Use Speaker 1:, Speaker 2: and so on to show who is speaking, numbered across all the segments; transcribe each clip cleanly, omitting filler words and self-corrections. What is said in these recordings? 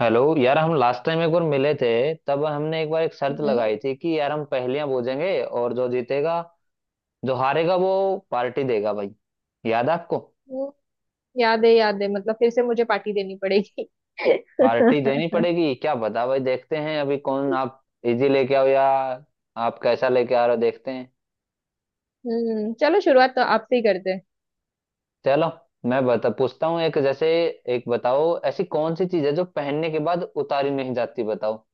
Speaker 1: Hello यार। हम last time एक बार मिले थे। तब हमने एक बार एक शर्त
Speaker 2: नहीं।
Speaker 1: लगाई थी कि यार हम पहेलियां बूझेंगे, और जो जीतेगा जो हारेगा वो पार्टी देगा भाई। याद है आपको?
Speaker 2: वो याद है मतलब फिर से मुझे पार्टी देनी पड़ेगी।
Speaker 1: पार्टी देनी पड़ेगी, क्या पता भाई, देखते हैं अभी कौन आप इजी लेके आओ या आप कैसा लेके आ रहे हो देखते हैं।
Speaker 2: हम्म। चलो शुरुआत तो आपसे ही करते हैं।
Speaker 1: चलो, मैं बता पूछता हूँ एक, जैसे एक बताओ, ऐसी कौन सी चीज है जो पहनने के बाद उतारी नहीं जाती? बताओ।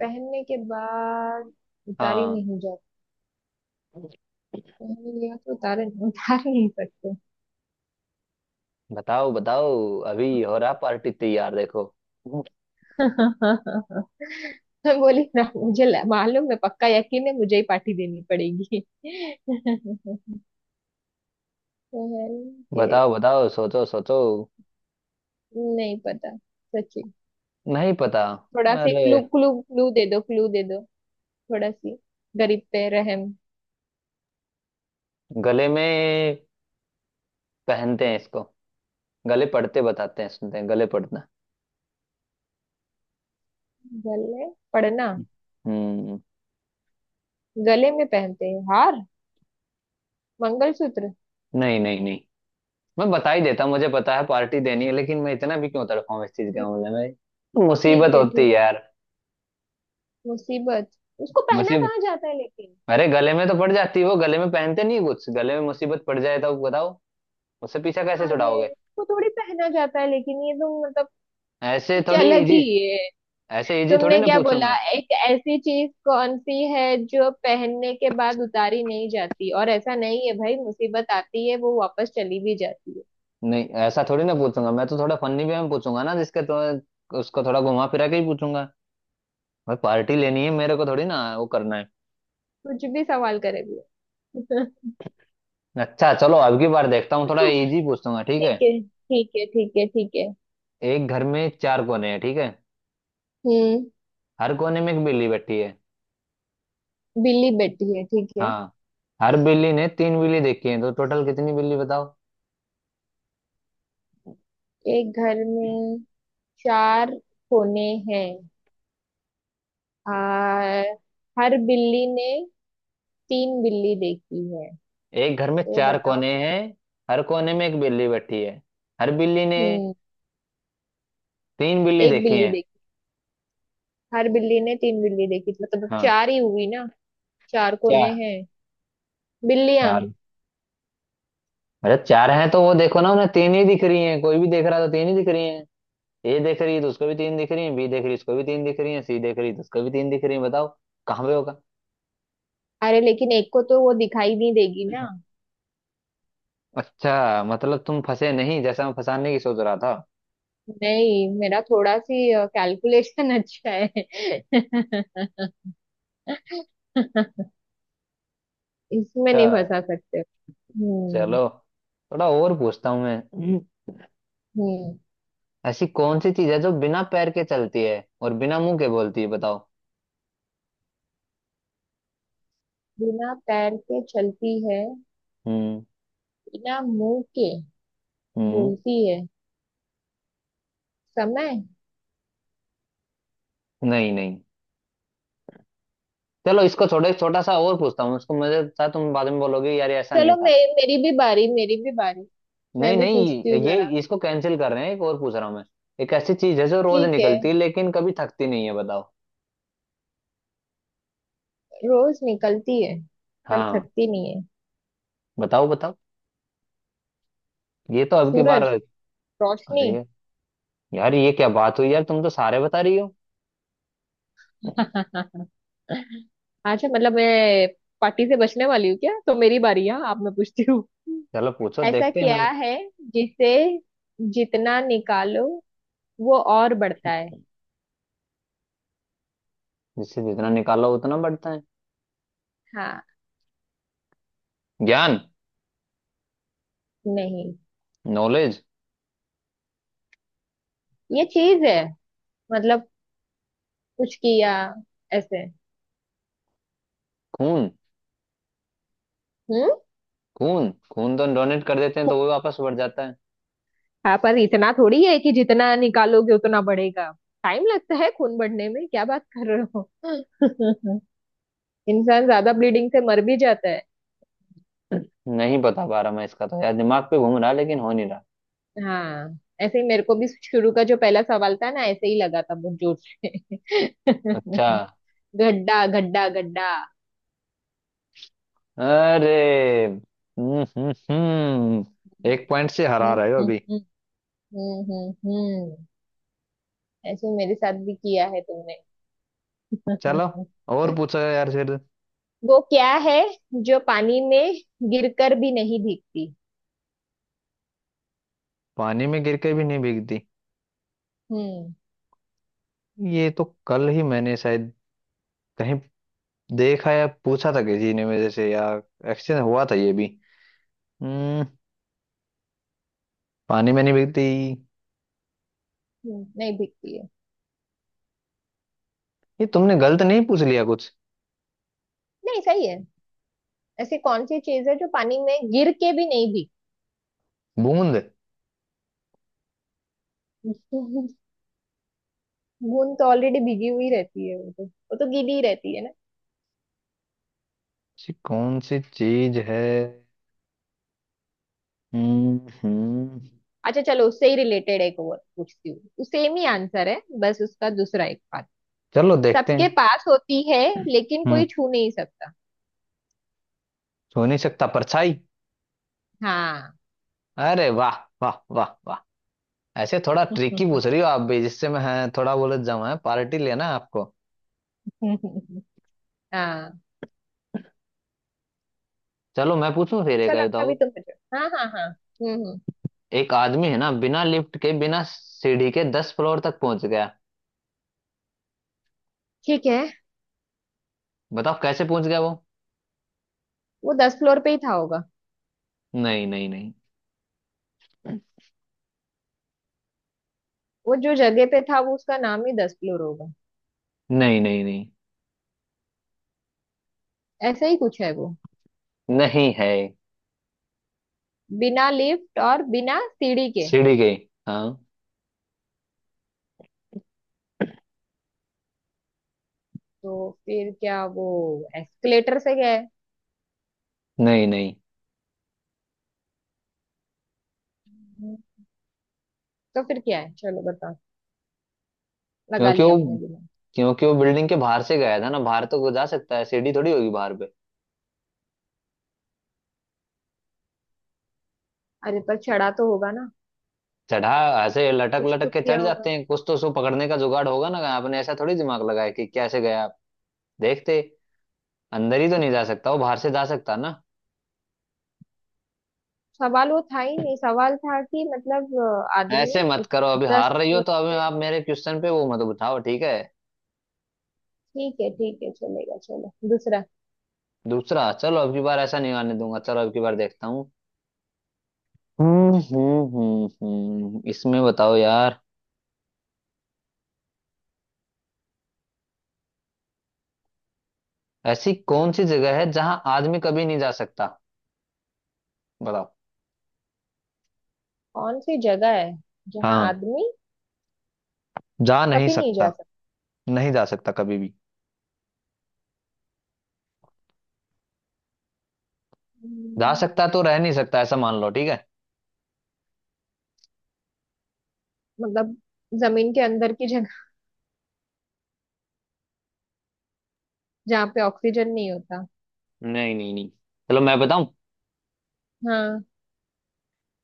Speaker 2: पहनने के बाद उतारी
Speaker 1: हाँ।
Speaker 2: नहीं जाती। पहन लिया तो उतार उतार नहीं सकते।
Speaker 1: बताओ बताओ, अभी हो रहा पार्टी तैयार, देखो।
Speaker 2: मैं बोली ना मुझे मालूम है पक्का यकीन है मुझे ही पार्टी देनी पड़ेगी। पहन के
Speaker 1: बताओ बताओ, सोचो सोचो।
Speaker 2: नहीं पता सच्ची।
Speaker 1: नहीं पता?
Speaker 2: थोड़ा सी
Speaker 1: अरे,
Speaker 2: क्लू क्लू क्लू दे दो। क्लू दे दो। थोड़ा सी गरीब पे रहम।
Speaker 1: गले में पहनते हैं इसको। गले पड़ते बताते हैं, सुनते हैं गले पड़ना?
Speaker 2: गले पड़ना।
Speaker 1: हम्म।
Speaker 2: गले में पहनते हैं हार। मंगलसूत्र।
Speaker 1: नहीं नहीं नहीं। मैं बता ही देता, मुझे पता है पार्टी देनी है, लेकिन मैं इतना भी क्यों तड़पाऊं। इस चीज के
Speaker 2: ठीक।
Speaker 1: मामले में मुसीबत
Speaker 2: ठीक है
Speaker 1: होती है
Speaker 2: ठीक।
Speaker 1: यार।
Speaker 2: मुसीबत। उसको पहना
Speaker 1: मुसीबत।
Speaker 2: कहाँ जाता है लेकिन।
Speaker 1: अरे गले में तो पड़ जाती है वो, गले में पहनते नहीं कुछ, गले में मुसीबत पड़ जाए तो बताओ उससे पीछा कैसे
Speaker 2: अरे
Speaker 1: छुड़ाओगे।
Speaker 2: उसको थोड़ी पहना जाता है लेकिन ये तो मतलब
Speaker 1: ऐसे
Speaker 2: कुछ
Speaker 1: थोड़ी
Speaker 2: अलग
Speaker 1: इजी,
Speaker 2: ही है।
Speaker 1: ऐसे इजी थोड़ी
Speaker 2: तुमने
Speaker 1: ना
Speaker 2: क्या बोला।
Speaker 1: पूछूंगा।
Speaker 2: एक ऐसी चीज कौन सी है जो पहनने के बाद उतारी नहीं जाती और ऐसा नहीं है भाई मुसीबत आती है वो वापस चली भी जाती है।
Speaker 1: नहीं, ऐसा थोड़ी ना पूछूंगा मैं, तो थोड़ा फनी वे में पूछूंगा ना, जिसके तो उसको थोड़ा घुमा फिरा के ही पूछूंगा। भाई पार्टी लेनी है मेरे को, थोड़ी ना वो करना है।
Speaker 2: कुछ भी सवाल करेगी।
Speaker 1: अच्छा चलो, अब की बार देखता हूँ थोड़ा इजी पूछूंगा, ठीक
Speaker 2: ठीक
Speaker 1: है।
Speaker 2: है ठीक है ठीक है ठीक है।
Speaker 1: एक घर में चार कोने हैं, ठीक है।
Speaker 2: हम्म।
Speaker 1: हर कोने में एक बिल्ली बैठी है।
Speaker 2: बिल्ली बैठी है ठीक है।
Speaker 1: हाँ। हर बिल्ली ने तीन बिल्ली देखी है, तो टोटल कितनी बिल्ली बताओ।
Speaker 2: एक घर में चार कोने हैं आ, हर बिल्ली ने तीन बिल्ली देखी है
Speaker 1: एक घर में
Speaker 2: तो
Speaker 1: चार
Speaker 2: बताओ।
Speaker 1: कोने हैं। हर कोने में एक बिल्ली बैठी है। हर बिल्ली ने
Speaker 2: हम्म।
Speaker 1: तीन बिल्ली
Speaker 2: एक
Speaker 1: देखी
Speaker 2: बिल्ली
Speaker 1: है।
Speaker 2: देखी। हर बिल्ली ने तीन बिल्ली देखी मतलब
Speaker 1: हाँ।
Speaker 2: चार ही हुई ना। चार कोने
Speaker 1: चार।
Speaker 2: हैं। बिल्लियां।
Speaker 1: चार। अच्छा चार हैं, तो वो देखो ना उन्हें तीन ही दिख रही हैं। कोई भी देख रहा है तो तीन ही दिख रही हैं। ए देख रही है तो उसको भी तीन दिख रही हैं, बी देख रही है तो उसको भी तीन दिख रही हैं, सी देख रही है तो उसको भी तीन दिख रही हैं। बताओ कहाँ पे होगा।
Speaker 2: अरे लेकिन एक को तो वो दिखाई नहीं देगी ना।
Speaker 1: अच्छा, मतलब तुम फंसे नहीं जैसा मैं फंसाने की सोच रहा था।
Speaker 2: नहीं मेरा थोड़ा सी कैलकुलेशन अच्छा है। इसमें
Speaker 1: अच्छा
Speaker 2: नहीं फंसा सकते। हम्म।
Speaker 1: चलो, थोड़ा और पूछता हूँ मैं।
Speaker 2: हम्म।
Speaker 1: ऐसी कौन सी चीज है जो बिना पैर के चलती है और बिना मुंह के बोलती है, बताओ।
Speaker 2: बिना पैर के चलती है
Speaker 1: हम्म।
Speaker 2: बिना मुंह के
Speaker 1: हम्म।
Speaker 2: बोलती है। समय।
Speaker 1: नहीं नहीं। चलो इसको छोड़ो, एक छोटा सा और पूछता हूँ। उसको मुझे था तुम बाद में बोलोगे यार ये ऐसा नहीं
Speaker 2: चलो
Speaker 1: था।
Speaker 2: मेरी भी बारी। मेरी भी बारी।
Speaker 1: नहीं
Speaker 2: मैं भी पूछती
Speaker 1: नहीं,
Speaker 2: हूँ
Speaker 1: ये
Speaker 2: जरा।
Speaker 1: इसको कैंसिल कर रहे हैं, एक और पूछ रहा हूँ मैं। एक ऐसी चीज है जो रोज
Speaker 2: ठीक है।
Speaker 1: निकलती है लेकिन कभी थकती नहीं है, बताओ।
Speaker 2: रोज निकलती है पर
Speaker 1: हाँ।
Speaker 2: थकती नहीं है।
Speaker 1: बताओ बताओ। ये तो अब की बार।
Speaker 2: सूरज। रोशनी।
Speaker 1: अरे यार, ये क्या बात हुई यार, तुम तो सारे बता रही हो।
Speaker 2: अच्छा मतलब मैं पार्टी से बचने वाली हूँ क्या। तो मेरी बारी है आप मैं पूछती हूँ।
Speaker 1: चलो पूछो,
Speaker 2: ऐसा
Speaker 1: देखते हैं मैं।
Speaker 2: क्या है जिसे जितना निकालो वो और बढ़ता है।
Speaker 1: जिससे जितना निकालो उतना बढ़ता है।
Speaker 2: हाँ।
Speaker 1: ज्ञान।
Speaker 2: नहीं।
Speaker 1: नॉलेज।
Speaker 2: ये चीज है मतलब कुछ किया ऐसे।
Speaker 1: खून।
Speaker 2: हम्म।
Speaker 1: खून खून तो डोनेट कर देते हैं तो वो वापस बढ़ जाता है।
Speaker 2: हाँ पर इतना थोड़ी है कि जितना निकालोगे उतना बढ़ेगा। टाइम लगता है खून बढ़ने में क्या बात कर रहे हो। इंसान ज्यादा ब्लीडिंग से मर भी जाता है।
Speaker 1: नहीं बता पा रहा मैं इसका तो यार, दिमाग पे घूम रहा है, लेकिन हो नहीं रहा।
Speaker 2: हाँ ऐसे ही मेरे को भी शुरू का जो पहला सवाल था ना ऐसे ही लगा था बहुत जोर से।
Speaker 1: अच्छा।
Speaker 2: गड्ढा गड्ढा गड्ढा।
Speaker 1: अरे।
Speaker 2: हम्म
Speaker 1: एक पॉइंट से हरा रहे हो
Speaker 2: हम्म
Speaker 1: अभी।
Speaker 2: हम्म हम्म हम्म, हम्म। ऐसे मेरे साथ भी किया है तुमने।
Speaker 1: चलो, और पूछा यार फिर।
Speaker 2: वो क्या है जो पानी में गिरकर भी नहीं भीगती।
Speaker 1: पानी में गिर के भी नहीं भीगती?
Speaker 2: हम्म।
Speaker 1: ये तो कल ही मैंने शायद कहीं देखा या पूछा था, किसी ने मेरे से या एक्सचेंज हुआ था ये भी। हम्म। पानी में नहीं भीगती।
Speaker 2: नहीं भीगती।
Speaker 1: ये तुमने गलत नहीं पूछ लिया कुछ?
Speaker 2: नहीं सही है। ऐसी कौन सी चीज है जो पानी में गिर के भी नहीं भीग।
Speaker 1: बूंद।
Speaker 2: बूंद तो ऑलरेडी भीगी हुई रहती है वो तो गीली ही रहती है ना।
Speaker 1: ऐसी कौन सी चीज है। हम्म।
Speaker 2: अच्छा चलो उससे ही रिलेटेड एक और पूछती हूँ। सेम ही आंसर है बस उसका दूसरा एक पार्ट।
Speaker 1: चलो देखते
Speaker 2: सबके
Speaker 1: हैं।
Speaker 2: पास होती है लेकिन
Speaker 1: हम्म।
Speaker 2: कोई छू नहीं सकता।
Speaker 1: हो नहीं सकता, परछाई?
Speaker 2: हाँ।
Speaker 1: अरे वाह, वाह वाह वाह। ऐसे थोड़ा ट्रिकी पूछ रही हो आप भी, जिससे मैं हाँ, थोड़ा बहुत जमा है, पार्टी लेना है आपको।
Speaker 2: हाँ।
Speaker 1: चलो मैं पूछूं फिर एक,
Speaker 2: चलो
Speaker 1: बताओ।
Speaker 2: अभी तुम पूछो। हाँ हाँ हाँ हम्म।
Speaker 1: एक आदमी है ना, बिना लिफ्ट के बिना सीढ़ी के 10 फ्लोर तक पहुंच गया।
Speaker 2: ठीक है।
Speaker 1: बताओ कैसे पहुंच गया वो।
Speaker 2: वो 10 फ्लोर पे ही था होगा।
Speaker 1: नहीं नहीं नहीं।
Speaker 2: वो जो जगह पे था वो उसका नाम ही 10 फ्लोर होगा।
Speaker 1: नहीं नहीं नहीं।
Speaker 2: ऐसा ही कुछ है वो।
Speaker 1: नहीं है।
Speaker 2: बिना लिफ्ट और बिना सीढ़ी के
Speaker 1: सीढ़ी के। हाँ।
Speaker 2: तो फिर क्या वो एस्केलेटर से गए।
Speaker 1: नहीं नहीं।
Speaker 2: हम्म, तो फिर क्या है चलो बताओ। लगा
Speaker 1: क्योंकि
Speaker 2: लिया
Speaker 1: वो
Speaker 2: मैंने दिमाग।
Speaker 1: क्योंकि वो बिल्डिंग के बाहर से गया था ना, बाहर तो वो जा सकता है, सीढ़ी थोड़ी होगी बाहर पे।
Speaker 2: अरे पर चढ़ा तो होगा ना।
Speaker 1: चढ़ा। ऐसे लटक
Speaker 2: कुछ तो
Speaker 1: लटक के चढ़
Speaker 2: किया होगा।
Speaker 1: जाते हैं कुछ, तो उसको पकड़ने का जुगाड़ होगा ना। आपने ऐसा थोड़ी दिमाग लगाया कि कैसे गया आप देखते। अंदर ही तो नहीं जा सकता वो, बाहर से जा सकता ना।
Speaker 2: सवाल वो था ही नहीं। सवाल था कि मतलब
Speaker 1: ऐसे
Speaker 2: आदमी
Speaker 1: मत
Speaker 2: उप-।
Speaker 1: करो, अभी
Speaker 2: दस
Speaker 1: हार रही हो
Speaker 2: से।
Speaker 1: तो अभी आप मेरे क्वेश्चन पे वो मत उठाओ, ठीक है।
Speaker 2: ठीक है चलेगा। चलो दूसरा।
Speaker 1: दूसरा चलो, अब की बार ऐसा नहीं आने दूंगा। चलो अब की बार देखता हूँ। इसमें बताओ यार, ऐसी कौन सी जगह है जहां आदमी कभी नहीं जा सकता, बताओ।
Speaker 2: कौन सी जगह है जहाँ
Speaker 1: हाँ,
Speaker 2: आदमी
Speaker 1: जा नहीं
Speaker 2: कभी नहीं जा
Speaker 1: सकता।
Speaker 2: सकता।
Speaker 1: नहीं जा सकता कभी भी। जा
Speaker 2: हम्म,
Speaker 1: सकता तो रह नहीं सकता, ऐसा मान लो, ठीक है।
Speaker 2: मतलब जमीन के अंदर की जगह जहाँ पे ऑक्सीजन नहीं होता।
Speaker 1: नहीं नहीं नहीं। चलो मैं बताऊं,
Speaker 2: हाँ।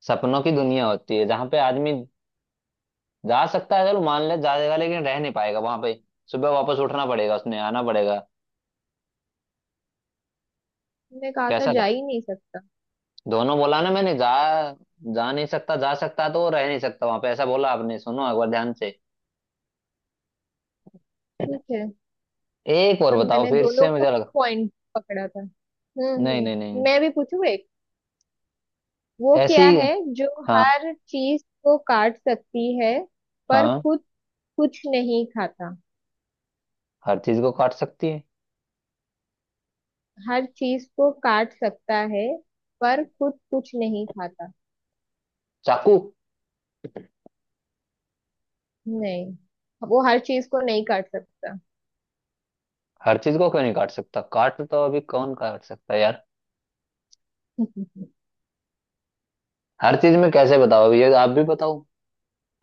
Speaker 1: सपनों की दुनिया होती है जहां पे आदमी जा सकता है, चलो मान ले जाएगा, लेकिन रह नहीं पाएगा वहां पे, सुबह वापस उठना पड़ेगा, उसने आना पड़ेगा।
Speaker 2: मैंने कहा था
Speaker 1: कैसा
Speaker 2: जा
Speaker 1: था?
Speaker 2: ही नहीं सकता।
Speaker 1: दोनों बोला ना मैंने, जा जा नहीं सकता, जा सकता है तो वो रह नहीं सकता वहां पे, ऐसा बोला आपने, सुनो एक बार ध्यान से।
Speaker 2: ठीक है।
Speaker 1: एक और
Speaker 2: पर
Speaker 1: बताओ
Speaker 2: मैंने
Speaker 1: फिर
Speaker 2: दोनों
Speaker 1: से,
Speaker 2: को
Speaker 1: मुझे लगा।
Speaker 2: पॉइंट पकड़ा था।
Speaker 1: नहीं नहीं
Speaker 2: हम्म।
Speaker 1: नहीं।
Speaker 2: मैं भी पूछू एक। वो
Speaker 1: ऐसी।
Speaker 2: क्या है जो
Speaker 1: हाँ।
Speaker 2: हर चीज को काट सकती है पर
Speaker 1: हाँ।
Speaker 2: खुद कुछ नहीं खाता।
Speaker 1: हर चीज को काट सकती है?
Speaker 2: हर चीज को काट सकता है पर खुद कुछ नहीं खाता।
Speaker 1: चाकू।
Speaker 2: नहीं वो हर चीज को नहीं काट सकता।
Speaker 1: हर चीज को क्यों नहीं काट सकता, काट तो अभी कौन काट सकता है यार।
Speaker 2: नहीं
Speaker 1: हर चीज में कैसे बताओ अभी, ये आप भी बताओ।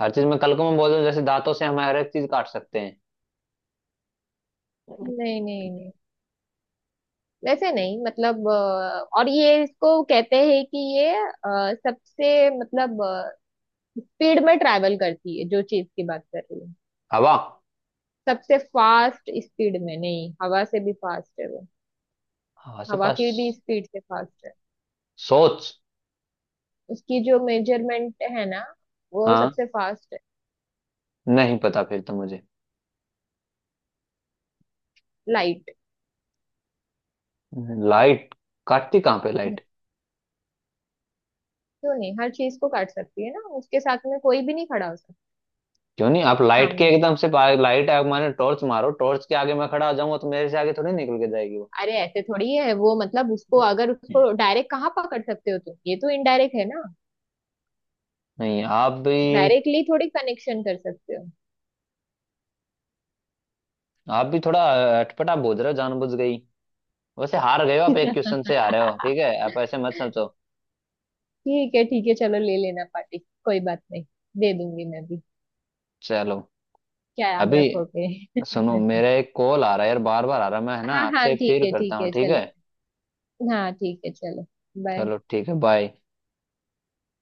Speaker 1: हर चीज में कल को मैं बोल दूं, जैसे दांतों से हम हर एक चीज काट सकते हैं।
Speaker 2: नहीं नहीं वैसे नहीं मतलब और ये इसको कहते हैं कि ये सबसे मतलब स्पीड में ट्रैवल करती है जो चीज की बात कर रही हूँ।
Speaker 1: हवा।
Speaker 2: सबसे फास्ट स्पीड में नहीं। हवा से भी फास्ट है वो।
Speaker 1: हवा से
Speaker 2: हवा
Speaker 1: पास।
Speaker 2: की भी स्पीड से फास्ट है।
Speaker 1: सोच।
Speaker 2: उसकी जो मेजरमेंट है ना वो
Speaker 1: हाँ।
Speaker 2: सबसे फास्ट है।
Speaker 1: नहीं पता फिर तो मुझे।
Speaker 2: लाइट।
Speaker 1: लाइट? काटती कहाँ पे? लाइट
Speaker 2: क्यों नहीं हर चीज को काट सकती है ना। उसके साथ में कोई भी नहीं खड़ा हो सकता।
Speaker 1: क्यों नहीं, आप लाइट के
Speaker 2: सामने।
Speaker 1: एकदम से पा- लाइट आग मारे, टॉर्च मारो, टॉर्च के आगे मैं खड़ा आ जाऊंगा तो मेरे से आगे थोड़ी निकल के जाएगी वो।
Speaker 2: अरे ऐसे थोड़ी है वो मतलब उसको अगर उसको डायरेक्ट कहाँ पकड़ सकते हो तुम। ये तो इनडायरेक्ट है ना।
Speaker 1: नहीं आप भी
Speaker 2: डायरेक्टली थोड़ी कनेक्शन कर सकते हो।
Speaker 1: आप भी थोड़ा अटपटा बोल रहे हो जानबूझ गई। वैसे हार गए हो आप, एक क्वेश्चन से हारे हो, ठीक है, आप ऐसे मत समझो।
Speaker 2: ठीक है चलो ले लेना पार्टी। कोई बात नहीं। दे दूंगी मैं भी।
Speaker 1: चलो
Speaker 2: क्या याद
Speaker 1: अभी।
Speaker 2: रखोगे।
Speaker 1: सुनो, मेरा एक कॉल आ रहा है यार, बार बार आ रहा है, मैं है ना
Speaker 2: हाँ हाँ
Speaker 1: आपसे फिर करता
Speaker 2: ठीक
Speaker 1: हूँ
Speaker 2: है
Speaker 1: ठीक है।
Speaker 2: चलेगा। हाँ ठीक है चलो। बाय।
Speaker 1: चलो ठीक है, बाय।